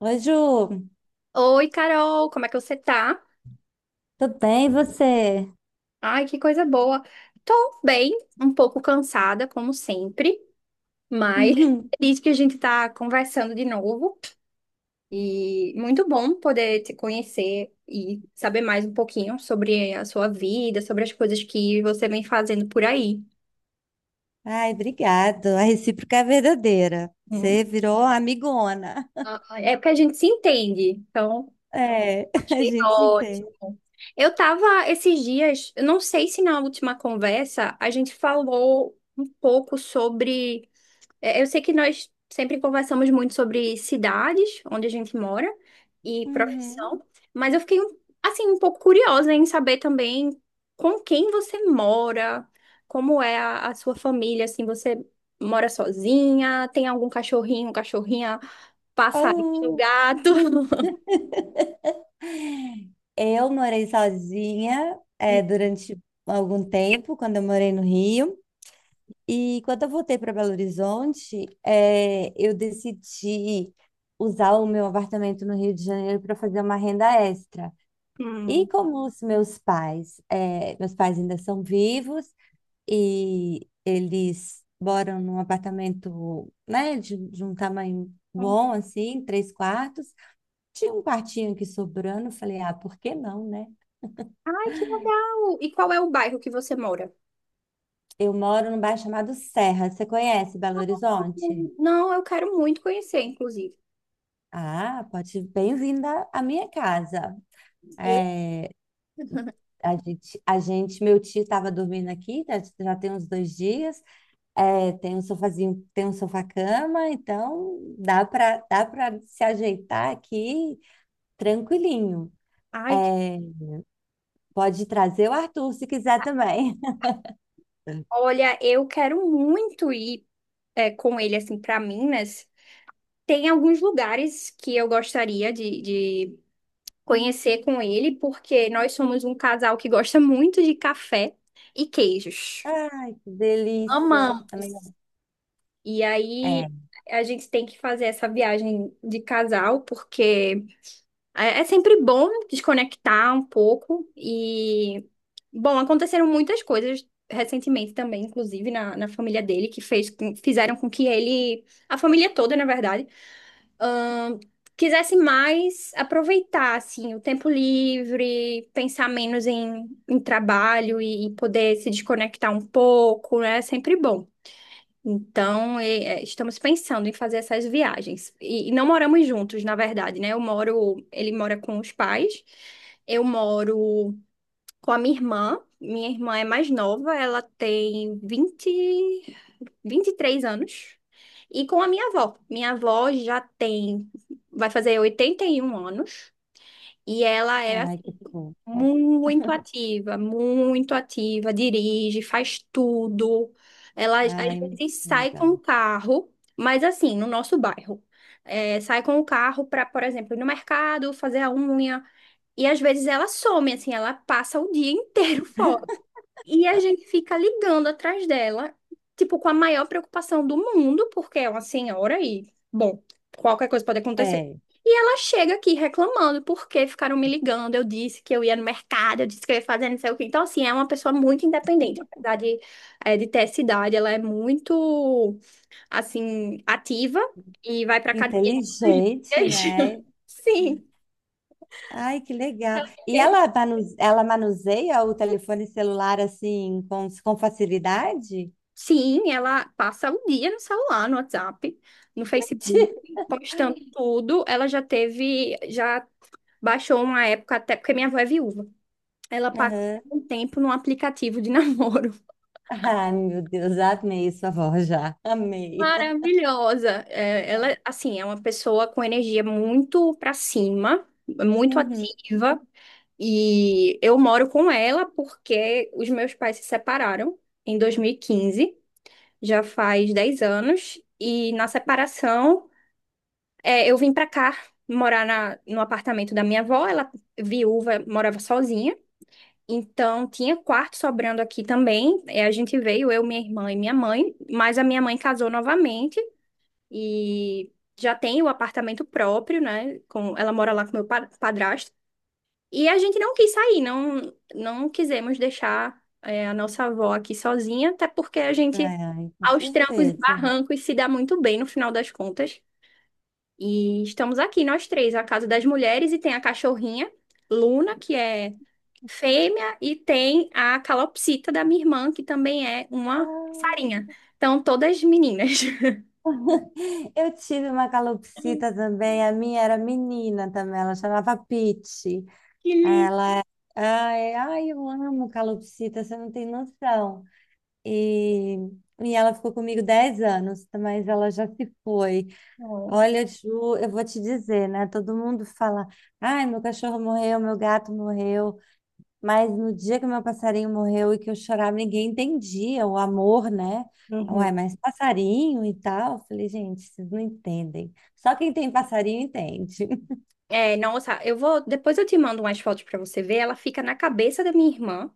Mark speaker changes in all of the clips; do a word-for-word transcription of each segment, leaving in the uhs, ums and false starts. Speaker 1: Oi, Ju.
Speaker 2: Oi, Carol, como é que você tá?
Speaker 1: Tudo bem, e você?
Speaker 2: Ai, que coisa boa. Tô bem, um pouco cansada, como sempre, mas feliz que a gente tá conversando de novo. E muito bom poder te conhecer e saber mais um pouquinho sobre a sua vida, sobre as coisas que você vem fazendo por aí.
Speaker 1: Ai, obrigado. A recíproca é verdadeira.
Speaker 2: Hum.
Speaker 1: Você virou amigona.
Speaker 2: Ah, é porque a gente se entende, então
Speaker 1: É, a
Speaker 2: achei
Speaker 1: gente se
Speaker 2: ótimo.
Speaker 1: entende.
Speaker 2: Eu tava esses dias, eu não sei se na última conversa a gente falou um pouco sobre É, eu sei que nós sempre conversamos muito sobre cidades onde a gente mora e
Speaker 1: Uhum.
Speaker 2: profissão, mas eu fiquei um- assim um pouco curiosa em saber também com quem você mora, como é a, a sua família, assim, você mora sozinha, tem algum cachorrinho, cachorrinha, passarinho, um
Speaker 1: Oh,
Speaker 2: gato?
Speaker 1: eu morei sozinha, é, durante algum tempo, quando eu morei no Rio. E quando eu voltei para Belo Horizonte, é, eu decidi usar o meu apartamento no Rio de Janeiro para fazer uma renda extra. E
Speaker 2: Hum.
Speaker 1: como os meus pais, eh, meus pais ainda são vivos e eles moram num apartamento, né, de, de um tamanho bom, assim, três quartos. Tinha um quartinho aqui sobrando, eu falei, ah, por que não, né?
Speaker 2: Ai, que legal! E qual é o bairro que você mora?
Speaker 1: Eu moro num bairro chamado Serra, você conhece Belo Horizonte?
Speaker 2: Não, eu quero muito conhecer, inclusive.
Speaker 1: Ah, pode, bem-vinda à minha casa.
Speaker 2: E-
Speaker 1: É, a gente, a gente, meu tio estava dormindo aqui, tá, já tem uns dois dias. É, tem um sofazinho, tem um sofá-cama, então dá para dá para se ajeitar aqui tranquilinho.
Speaker 2: Ai,
Speaker 1: É, pode trazer o Arthur se quiser também.
Speaker 2: olha, eu quero muito ir é, com ele assim para Minas. Tem alguns lugares que eu gostaria de, de conhecer com ele, porque nós somos um casal que gosta muito de café e queijos.
Speaker 1: Ai, que delícia. Também
Speaker 2: Amamos.
Speaker 1: não-
Speaker 2: E aí
Speaker 1: É,
Speaker 2: a gente tem que fazer essa viagem de casal, porque É é sempre bom desconectar um pouco e, bom, aconteceram muitas coisas recentemente também, inclusive na, na família dele, que fez, com- fizeram com que ele, a família toda, na verdade, ahn, quisesse mais aproveitar, assim, o tempo livre, pensar menos em, em trabalho e, e poder se desconectar um pouco, né? É sempre bom. Então, e- é, estamos pensando em fazer essas viagens. E, e não moramos juntos, na verdade, né? Eu moro, ele mora com os pais, eu moro com a minha irmã. Minha irmã é mais nova, ela tem vinte, vinte e três anos. E com a minha avó. Minha avó já tem, vai fazer oitenta e um anos. E ela era
Speaker 1: ai, que
Speaker 2: assim,
Speaker 1: fofo.
Speaker 2: muito ativa, muito ativa, dirige, faz tudo. Ela às
Speaker 1: Ai,
Speaker 2: vezes
Speaker 1: muito
Speaker 2: sai com o
Speaker 1: legal.
Speaker 2: carro, mas assim, no nosso bairro. É, sai com o carro para, por exemplo, ir no mercado, fazer a unha. E às vezes ela some, assim, ela passa o dia inteiro fora. E a gente fica ligando atrás dela, tipo, com a maior preocupação do mundo, porque é uma senhora e, bom, qualquer coisa pode acontecer.
Speaker 1: É,
Speaker 2: E ela chega aqui reclamando porque ficaram me ligando. Eu disse que eu ia no mercado, eu disse que eu ia fazer não sei o quê. Então, assim, é uma pessoa muito independente. Apesar de, eh, de ter essa idade, ela é muito, assim, ativa e vai pra academia todos
Speaker 1: inteligente,
Speaker 2: os dias.
Speaker 1: né?
Speaker 2: Sim.
Speaker 1: Ai, que legal. E ela, manu- ela manuseia o telefone celular assim com, com facilidade?
Speaker 2: Sim, ela passa o dia no celular, no WhatsApp, no Facebook, postando tudo. Ela já teve, já baixou uma época, até porque minha avó é viúva. Ela passa
Speaker 1: Aham.
Speaker 2: um tempo num aplicativo de namoro.
Speaker 1: Ai, meu Deus, amei sua voz já. Amei.
Speaker 2: Maravilhosa. É, ela, assim, é uma pessoa com energia muito pra cima, muito
Speaker 1: Uhum.
Speaker 2: ativa. E eu moro com ela porque os meus pais se separaram em dois mil e quinze, já faz dez anos. E na separação. É, eu vim pra cá morar na, no apartamento da minha avó, ela viúva, morava sozinha. Então tinha quarto sobrando aqui também. É, a gente veio, eu, minha irmã e minha mãe, mas a minha mãe casou novamente e já tem o apartamento próprio, né? Com, ela mora lá com meu pa- padrasto. E a gente não quis sair, não, não quisemos deixar, é, a nossa avó aqui sozinha, até porque a gente,
Speaker 1: Ai, ai, com
Speaker 2: aos trancos e
Speaker 1: certeza.
Speaker 2: barrancos, se dá muito bem no final das contas. E estamos aqui, nós três, a Casa das Mulheres, e tem a cachorrinha, Luna, que é fêmea, e tem a calopsita da minha irmã, que também é uma
Speaker 1: Ai,
Speaker 2: sarinha. Então, todas meninas.
Speaker 1: eu tive uma calopsita também, a minha era menina também, ela chamava Pete.
Speaker 2: Que
Speaker 1: Ela, é, Ai, ai, eu amo calopsita, você não tem noção. E, e ela ficou comigo dez anos, mas ela já se foi.
Speaker 2: lindo.
Speaker 1: Olha, Ju, eu vou te dizer, né? Todo mundo fala, ai, meu cachorro morreu, meu gato morreu. Mas no dia que meu passarinho morreu e que eu chorava, ninguém entendia o amor, né?
Speaker 2: Uhum.
Speaker 1: Uai, mas passarinho e tal. Eu Falei, gente, vocês não entendem. Só quem tem passarinho entende.
Speaker 2: É, nossa, eu vou. Depois eu te mando umas fotos pra você ver. Ela fica na cabeça da minha irmã.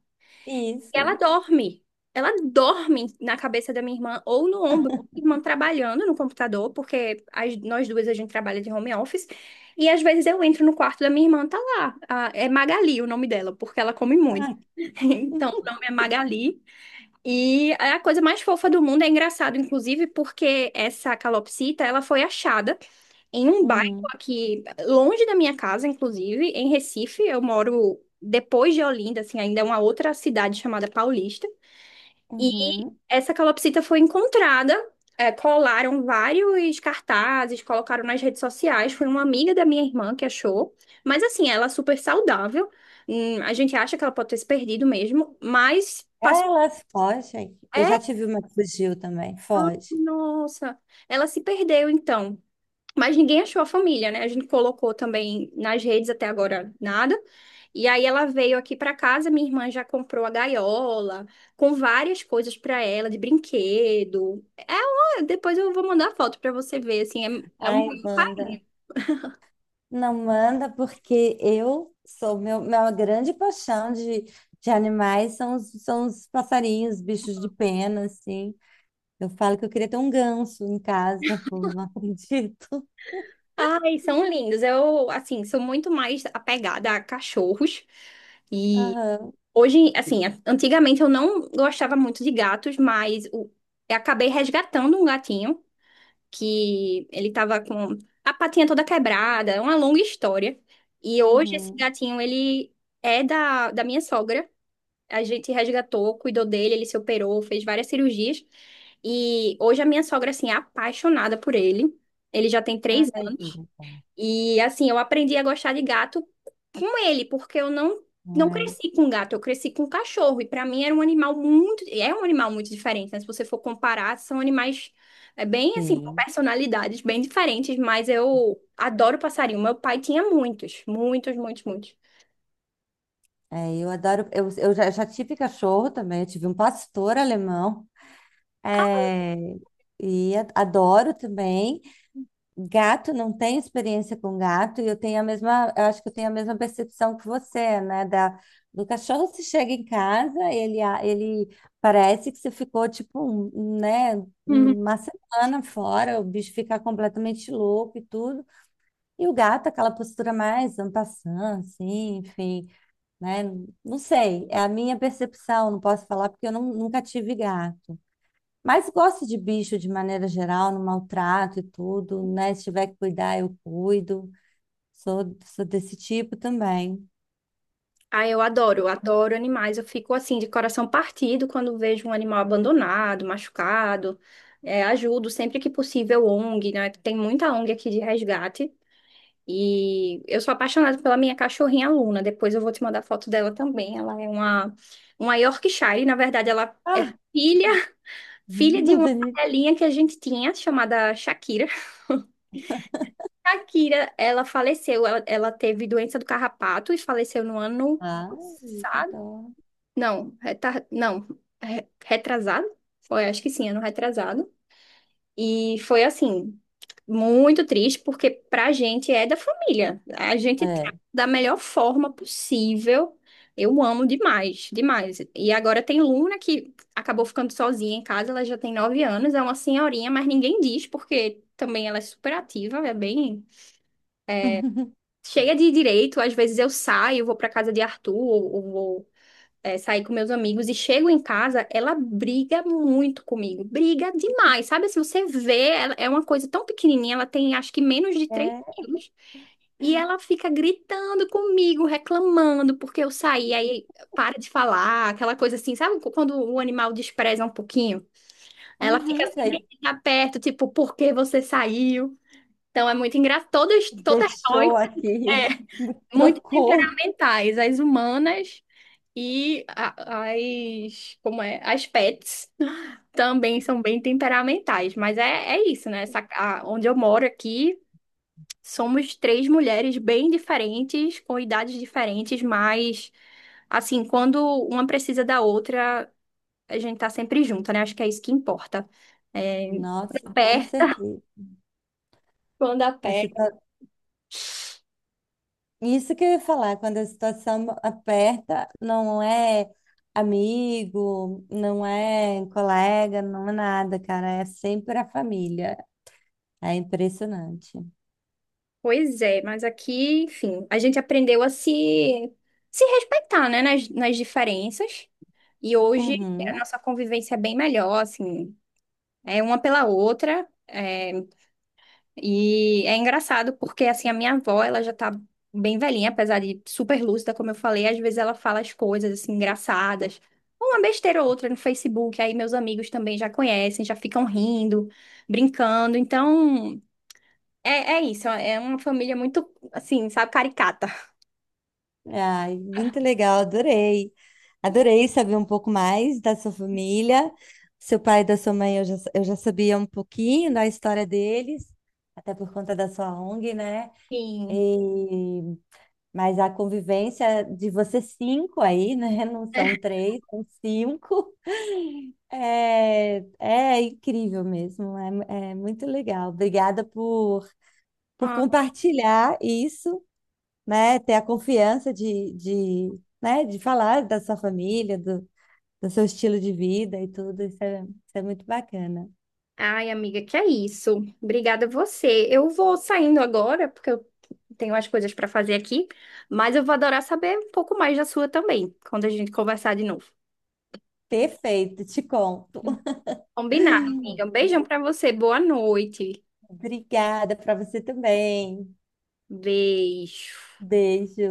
Speaker 2: E ela
Speaker 1: Isso.
Speaker 2: dorme. Ela dorme na cabeça da minha irmã ou no ombro. Minha irmã trabalhando no computador, porque as- nós duas a gente trabalha de home office. E às vezes eu entro no quarto da minha irmã, tá lá. A- é Magali o nome dela, porque ela come muito.
Speaker 1: Ai,
Speaker 2: Então o nome é Magali. E é a coisa mais fofa do mundo. É engraçado, inclusive, porque essa calopsita, ela foi achada em um bairro
Speaker 1: hum,
Speaker 2: aqui, longe da minha casa, inclusive, em Recife. Eu moro depois de Olinda, assim, ainda é uma outra cidade chamada Paulista. E
Speaker 1: uhum.
Speaker 2: essa calopsita foi encontrada, é, colaram vários cartazes, colocaram nas redes sociais. Foi uma amiga da minha irmã que achou. Mas assim, ela é super saudável. Hum, a gente acha que ela pode ter se perdido mesmo, mas
Speaker 1: Ah,
Speaker 2: passou.
Speaker 1: Elas fogem. Eu
Speaker 2: É,
Speaker 1: já tive uma que fugiu também. Foge.
Speaker 2: nossa, ela se perdeu então. Mas ninguém achou a família, né? A gente colocou também nas redes, até agora nada. E aí ela veio aqui para casa, minha irmã já comprou a gaiola, com várias coisas para ela, de brinquedo. É, uma- depois eu vou mandar foto para você ver, assim, é, é um
Speaker 1: Ai,
Speaker 2: maior
Speaker 1: manda.
Speaker 2: carinho.
Speaker 1: Não manda porque eu sou meu, minha grande paixão de, de animais são os, são os passarinhos, bichos de pena, assim. Eu falo que eu queria ter um ganso em casa, pô, não acredito.
Speaker 2: Ai, são lindos. Eu, assim, sou muito mais apegada a cachorros. E
Speaker 1: Aham,
Speaker 2: hoje, assim, a- antigamente eu não gostava muito de gatos, mas o- eu acabei resgatando um gatinho que ele tava com a patinha toda quebrada, é uma longa história. E hoje esse
Speaker 1: uhum.
Speaker 2: gatinho, ele é da, da minha sogra. A gente resgatou, cuidou dele, ele se operou, fez várias cirurgias. E hoje a minha sogra, assim, é apaixonada por ele. Ele já tem três
Speaker 1: Ai, que legal.
Speaker 2: e assim, eu aprendi a gostar de gato com ele, porque eu não
Speaker 1: Não
Speaker 2: não
Speaker 1: é?
Speaker 2: cresci com gato, eu cresci com cachorro. E para mim era um animal muito, é um animal muito diferente, né? Se você for comparar, são animais é bem assim, com
Speaker 1: Sim.
Speaker 2: personalidades bem diferentes, mas eu adoro passarinho. Meu pai tinha muitos, muitos, muitos, muitos.
Speaker 1: É, eu adoro. Eu, eu já, já tive cachorro também, eu tive um pastor alemão. É, e a- adoro também. Gato não tem experiência com gato e eu tenho a mesma, eu acho que eu tenho a mesma percepção que você, né? Da, do cachorro se chega em casa, ele, a- ele parece que você ficou tipo, um, um, né,
Speaker 2: Uhum.
Speaker 1: uma semana fora, o bicho fica completamente louco e tudo. E o gato, aquela postura mais en passant, assim, enfim, né? Não sei, é a minha percepção, não posso falar porque eu não, nunca tive gato. Mas gosto de bicho de maneira geral, no maltrato e tudo, né? Se tiver que cuidar, eu cuido. Sou, sou desse tipo também.
Speaker 2: Ah, eu adoro, eu adoro animais. Eu fico assim de coração partido quando vejo um animal abandonado, machucado. É, ajudo sempre que possível ONG, né? Tem muita ONG aqui de resgate. E eu sou apaixonada pela minha cachorrinha Luna. Depois eu vou te mandar foto dela também. Ela é uma, uma Yorkshire. Na verdade, ela é
Speaker 1: Ah,
Speaker 2: filha, filha de
Speaker 1: não
Speaker 2: uma
Speaker 1: tem nem-.
Speaker 2: cadelinha que a gente tinha, chamada Shakira. Shakira, ela faleceu. Ela, ela teve doença do carrapato e faleceu no ano
Speaker 1: Ai, que
Speaker 2: passado.
Speaker 1: dó.
Speaker 2: Não, retar, não, re- retrasado? Foi, acho que sim, ano retrasado. E foi assim, muito triste, porque pra gente é da família. A gente
Speaker 1: É.
Speaker 2: trata da melhor forma possível. Eu amo demais, demais. E agora tem Luna que acabou ficando sozinha em casa, ela já tem nove anos, é uma senhorinha, mas ninguém diz, porque também ela é super ativa, é bem cheia de direito. Às vezes eu saio, vou pra casa de Arthur, ou, ou vou é, sair com meus amigos e chego em casa, ela briga muito comigo, briga demais, sabe? Se você vê, ela é uma coisa tão pequenininha, ela tem acho que menos de três
Speaker 1: É.
Speaker 2: quilos, e ela fica gritando comigo, reclamando, porque eu saí, aí para de falar, aquela coisa assim, sabe? Quando o animal despreza um pouquinho, ela fica
Speaker 1: Uhum,
Speaker 2: assim,
Speaker 1: já
Speaker 2: quem tá perto, tipo, por que você saiu? Então é muito engraçado, todas, todas nós,
Speaker 1: deixou aqui,
Speaker 2: é, muito
Speaker 1: trocou.
Speaker 2: temperamentais, as humanas e a- as, como é? As pets também são bem temperamentais, mas é, é isso, né? Essa, a- onde eu moro aqui, somos três mulheres bem diferentes, com idades diferentes, mas assim, quando uma precisa da outra, a gente tá sempre junto, né? Acho que é isso que importa. É,
Speaker 1: Nossa, com
Speaker 2: perto,
Speaker 1: certeza.
Speaker 2: quando a
Speaker 1: Isso que eu ia falar, quando a situação aperta, não é amigo, não é colega, não é nada, cara, é sempre a família. É impressionante.
Speaker 2: pois é, mas aqui, enfim, a gente aprendeu a se, se respeitar, né? Nas, nas diferenças. E hoje a
Speaker 1: Uhum.
Speaker 2: nossa convivência é bem melhor, assim, é uma pela outra. É, e é engraçado porque, assim, a minha avó, ela já tá bem velhinha, apesar de super lúcida, como eu falei, às vezes ela fala as coisas, assim, engraçadas. Uma besteira ou outra no Facebook, aí meus amigos também já conhecem, já ficam rindo, brincando. Então, é, é isso, é uma família muito, assim, sabe, caricata.
Speaker 1: Ai, muito legal, adorei. Adorei saber um pouco mais da sua família. Seu pai e da sua mãe, eu já, eu já sabia um pouquinho da história deles, até por conta da sua ONG, né?
Speaker 2: Sim.
Speaker 1: E Mas a convivência de vocês cinco aí, né? Não são três, são cinco. É, é incrível mesmo, é, é muito legal. Obrigada por, por compartilhar isso, né? Ter a confiança de, de, né? de falar da sua família, do, do seu estilo de vida e tudo. Isso é, isso é muito bacana.
Speaker 2: Ai, amiga, que é isso. Obrigada a você. Eu vou saindo agora, porque eu tenho umas coisas para fazer aqui, mas eu vou adorar saber um pouco mais da sua também, quando a gente conversar de novo.
Speaker 1: Perfeito, te conto.
Speaker 2: Combinado, amiga. Um beijão para você. Boa noite.
Speaker 1: Obrigada para você também.
Speaker 2: Beijo.
Speaker 1: Beijo.